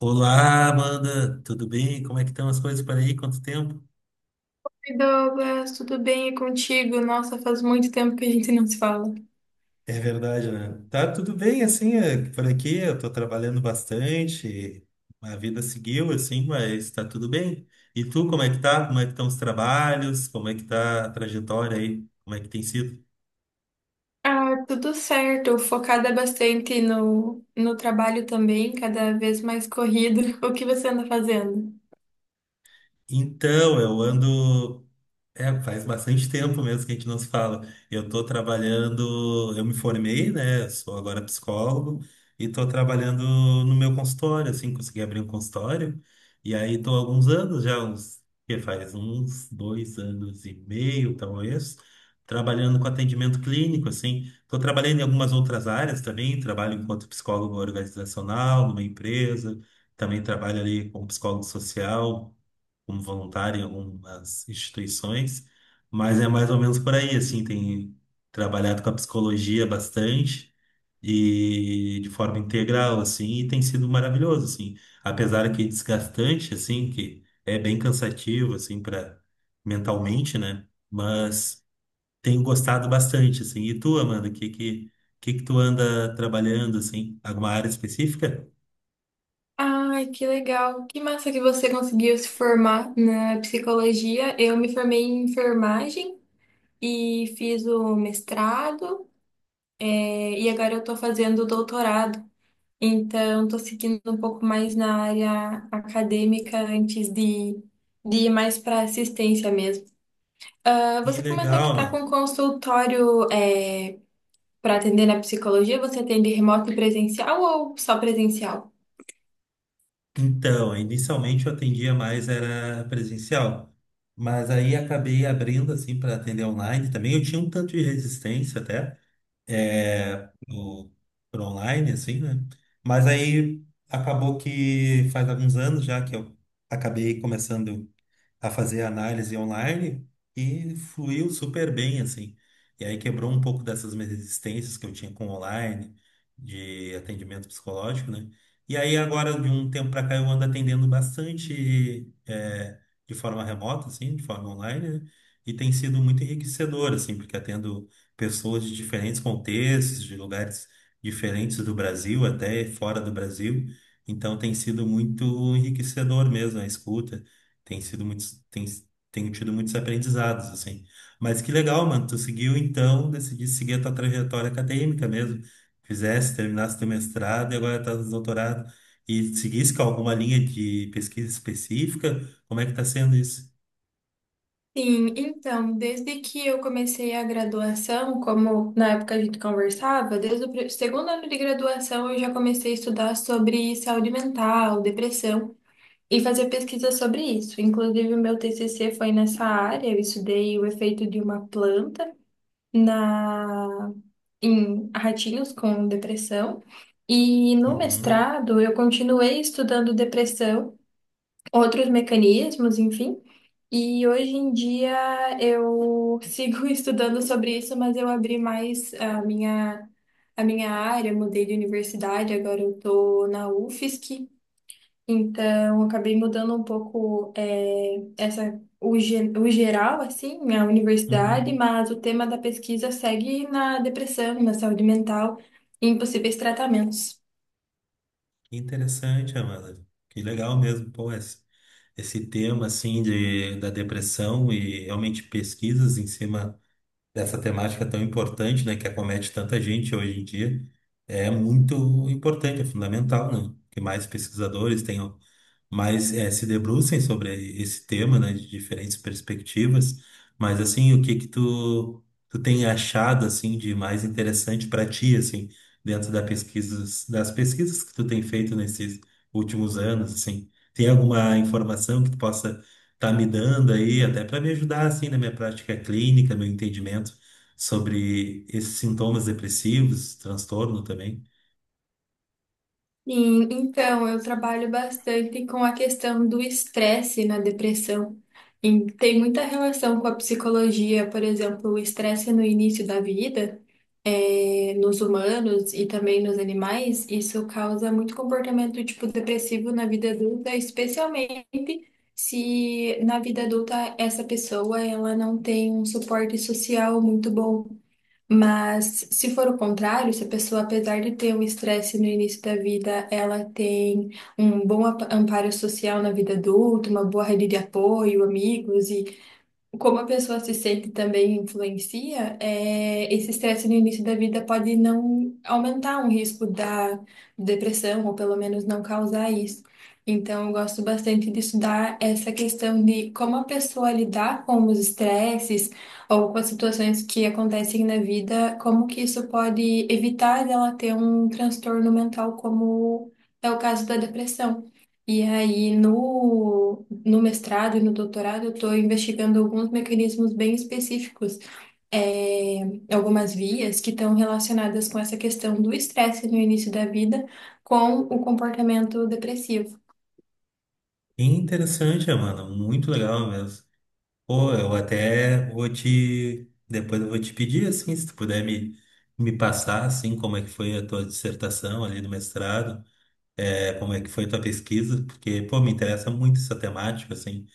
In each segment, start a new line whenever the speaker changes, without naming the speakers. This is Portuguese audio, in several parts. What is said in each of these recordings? Olá, Amanda, tudo bem? Como é que estão as coisas por aí? Quanto tempo?
Oi, Douglas, tudo bem e contigo? Nossa, faz muito tempo que a gente não se fala.
É verdade, né? Tá tudo bem, assim, por aqui eu tô trabalhando bastante, a vida seguiu, assim, mas tá tudo bem. E tu, como é que tá? Como é que estão os trabalhos? Como é que tá a trajetória aí? Como é que tem sido?
Ah, tudo certo, focada bastante no trabalho também, cada vez mais corrido. O que você anda fazendo?
Então, eu ando É, faz bastante tempo mesmo que a gente não se fala. Eu estou trabalhando, eu me formei, né? Eu sou agora psicólogo e estou trabalhando no meu consultório, assim, consegui abrir um consultório. E aí estou há alguns anos já, que faz uns dois anos e meio, talvez, trabalhando com atendimento clínico, assim. Estou trabalhando em algumas outras áreas também, trabalho enquanto psicólogo organizacional numa empresa, também trabalho ali como psicólogo social como voluntário em algumas instituições, mas é mais ou menos por aí, assim, tem trabalhado com a psicologia bastante e de forma integral, assim, e tem sido maravilhoso, assim, apesar que desgastante, assim, que é bem cansativo, assim, para mentalmente, né? Mas tenho gostado bastante, assim. E tu, Amanda, que que tu anda trabalhando, assim, alguma área específica?
Ai, que legal. Que massa que você conseguiu se formar na psicologia. Eu me formei em enfermagem e fiz o mestrado, e agora eu tô fazendo o doutorado. Então, estou seguindo um pouco mais na área acadêmica de ir mais para assistência mesmo. Ah,
Que
você comentou que
legal,
está
mano.
com consultório, para atender na psicologia. Você atende remoto e presencial ou só presencial?
Então, inicialmente eu atendia mais era presencial, mas aí acabei abrindo assim para atender online também. Eu tinha um tanto de resistência até é, pro, pro online assim, né? Mas aí acabou que faz alguns anos já que eu acabei começando a fazer análise online e fluiu super bem, assim. E aí quebrou um pouco dessas minhas resistências que eu tinha com online, de atendimento psicológico, né? E aí agora, de um tempo para cá, eu ando atendendo bastante de forma remota, assim, de forma online, né? E tem sido muito enriquecedor, assim, porque atendo pessoas de diferentes contextos, de lugares diferentes do Brasil, até fora do Brasil. Então tem sido muito enriquecedor mesmo a escuta tem sido tenho tido muitos aprendizados, assim. Mas que legal, mano, tu seguiu então, decidi seguir a tua trajetória acadêmica mesmo, fizesse, terminasse teu mestrado e agora tá no doutorado, e seguisse com alguma linha de pesquisa específica, como é que tá sendo isso?
Sim, então, desde que eu comecei a graduação, como na época a gente conversava, desde o segundo ano de graduação eu já comecei a estudar sobre saúde mental, depressão e fazer pesquisa sobre isso. Inclusive, o meu TCC foi nessa área, eu estudei o efeito de uma planta na em ratinhos com depressão. E no
Uhum,
mestrado, eu continuei estudando depressão, outros mecanismos, enfim. E hoje em dia eu sigo estudando sobre isso, mas eu abri mais a a minha área, mudei de universidade, agora eu estou na UFSC. Então, eu acabei mudando um pouco essa, o, o geral, assim, né, a universidade,
uhum.
mas o tema da pesquisa segue na depressão, na saúde mental e em possíveis tratamentos.
Que interessante, Amanda, que legal mesmo, pô, esse tema, assim, da depressão e realmente pesquisas em cima dessa temática tão importante, né, que acomete tanta gente hoje em dia, é muito importante, é fundamental, né? Que mais pesquisadores tenham se debrucem sobre esse tema, né, de diferentes perspectivas. Mas assim, o que que tu tu tem achado assim de mais interessante para ti assim dentro da pesquisas das pesquisas que tu tem feito nesses últimos anos assim? Tem alguma informação que tu possa estar me dando aí até para me ajudar assim na minha prática clínica, meu entendimento sobre esses sintomas depressivos, transtorno também?
Sim, então eu trabalho bastante com a questão do estresse na depressão. E tem muita relação com a psicologia, por exemplo, o estresse no início da vida, nos humanos e também nos animais, isso causa muito comportamento tipo depressivo na vida adulta, especialmente se na vida adulta essa pessoa ela não tem um suporte social muito bom. Mas se for o contrário, se a pessoa, apesar de ter um estresse no início da vida, ela tem um bom amparo social na vida adulta, uma boa rede de apoio, amigos, como a pessoa se sente também influencia, é, esse estresse no início da vida pode não aumentar um risco da depressão, ou pelo menos não causar isso. Então, eu gosto bastante de estudar essa questão de como a pessoa lidar com os estresses ou com as situações que acontecem na vida, como que isso pode evitar dela ter um transtorno mental, como é o caso da depressão. E aí, no mestrado e no doutorado, eu estou investigando alguns mecanismos bem específicos, é, algumas vias que estão relacionadas com essa questão do estresse no início da vida com o comportamento depressivo.
Interessante, Amanda, muito legal mesmo. Pô, eu até vou te. Depois eu vou te pedir, assim, se tu puder me passar, assim, como é que foi a tua dissertação ali no mestrado, como é que foi tua pesquisa, porque, pô, me interessa muito essa temática, assim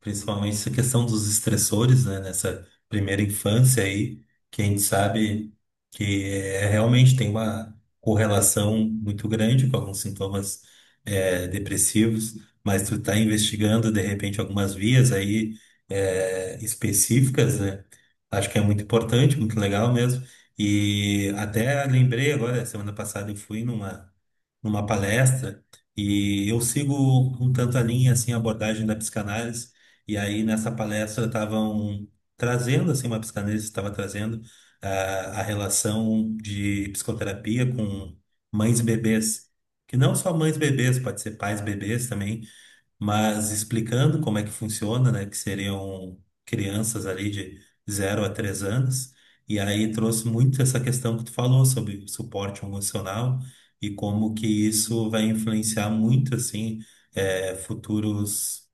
principalmente essa questão dos estressores, né, nessa primeira infância aí, que a gente sabe que realmente tem uma correlação muito grande com alguns sintomas depressivos, mas tu tá investigando, de repente, algumas vias aí específicas, né, acho que é muito importante, muito legal mesmo, e até lembrei agora, semana passada eu fui numa numa palestra e eu sigo um tanto a linha assim a abordagem da psicanálise e aí nessa palestra estavam trazendo assim uma psicanalista estava trazendo ah, a relação de psicoterapia com mães e bebês, que não só mães e bebês, pode ser pais e bebês também, mas explicando como é que funciona, né, que seriam crianças ali de zero a 3 anos, e aí trouxe muito essa questão que tu falou sobre suporte emocional e como que isso vai influenciar muito, assim, futuros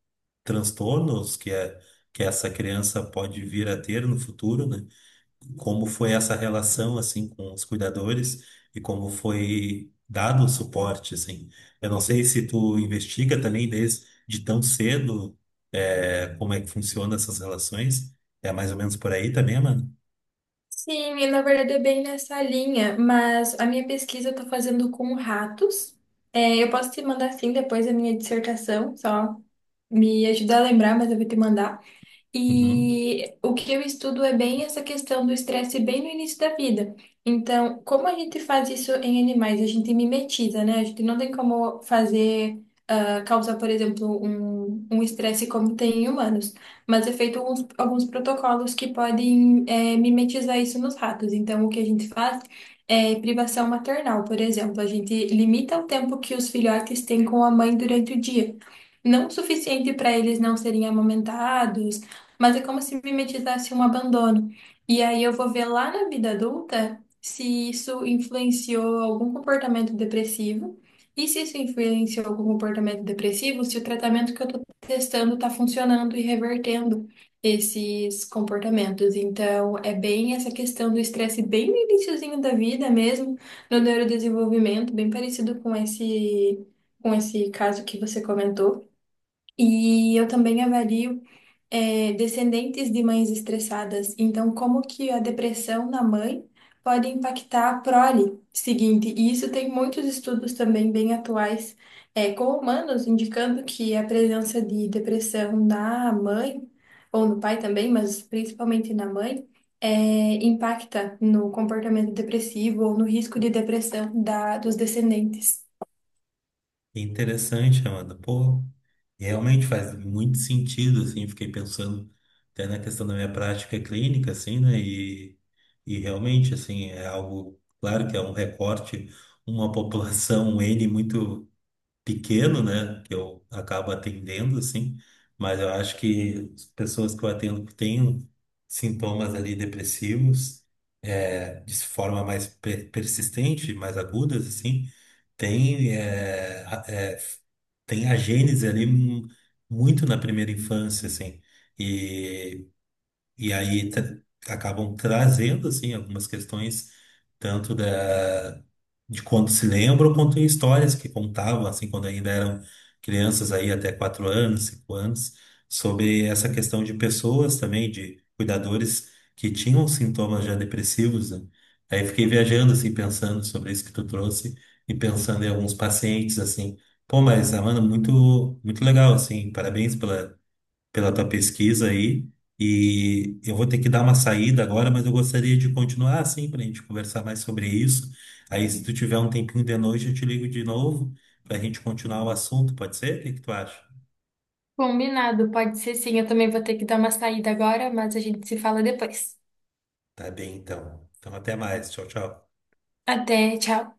transtornos que essa criança pode vir a ter no futuro, né? Como foi essa relação assim com os cuidadores e como foi dado o suporte assim. Eu não sei se tu investiga também desde de tão cedo como é que funcionam essas relações. É mais ou menos por aí também, mano.
Sim, e na verdade é bem nessa linha, mas a minha pesquisa eu estou fazendo com ratos. É, eu posso te mandar sim depois a minha dissertação, só me ajudar a lembrar, mas eu vou te mandar.
Uhum.
E o que eu estudo é bem essa questão do estresse bem no início da vida. Então, como a gente faz isso em animais? A gente mimetiza, né? A gente não tem como fazer, ah, causar, por exemplo, um estresse como tem em humanos. Mas é feito alguns protocolos que podem, mimetizar isso nos ratos. Então, o que a gente faz é privação maternal, por exemplo. A gente limita o tempo que os filhotes têm com a mãe durante o dia. Não o suficiente para eles não serem amamentados, mas é como se mimetizasse um abandono. E aí eu vou ver lá na vida adulta se isso influenciou algum comportamento depressivo. E se isso influenciou algum comportamento depressivo, se o tratamento que eu estou testando está funcionando e revertendo esses comportamentos. Então, é bem essa questão do estresse, bem no iniciozinho da vida mesmo, no neurodesenvolvimento, bem parecido com com esse caso que você comentou. E eu também avalio descendentes de mães estressadas. Então, como que a depressão na mãe pode impactar a prole seguinte? E isso tem muitos estudos também bem atuais, com humanos indicando que a presença de depressão na mãe, ou no pai também, mas principalmente na mãe, impacta no comportamento depressivo ou no risco de depressão dos descendentes.
Interessante, Amanda. Pô, realmente faz muito sentido, assim. Fiquei pensando até na questão da minha prática clínica, assim, né? E realmente, assim, é algo, claro que é um recorte, uma população um N muito pequeno, né, que eu acabo atendendo, assim, mas eu acho que as pessoas que eu atendo que têm sintomas ali depressivos, é, de forma persistente, mais agudas, assim, tem, é, a- é, f- tem a gênese ali muito na primeira infância, assim, e, e aí tra- acabam trazendo, assim, algumas questões tanto da de quando se lembra ou quanto em histórias que contavam, assim, quando ainda eram crianças aí até quatro anos, cinco anos, sobre essa questão de pessoas também, de cuidadores que tinham sintomas já depressivos, né? Aí fiquei viajando, assim, pensando sobre isso que tu trouxe e pensando em alguns pacientes, assim, pô, mas, ah, mano, muito, muito legal, assim, parabéns pela pela tua pesquisa aí. E eu vou ter que dar uma saída agora, mas eu gostaria de continuar assim para a gente conversar mais sobre isso. Aí, se tu tiver um tempinho de noite, eu te ligo de novo para a gente continuar o assunto, pode ser? O que que tu acha?
Combinado, pode ser sim. Eu também vou ter que dar uma saída agora, mas a gente se fala depois.
Tá bem, então. Então, até mais. Tchau, tchau.
Até, tchau.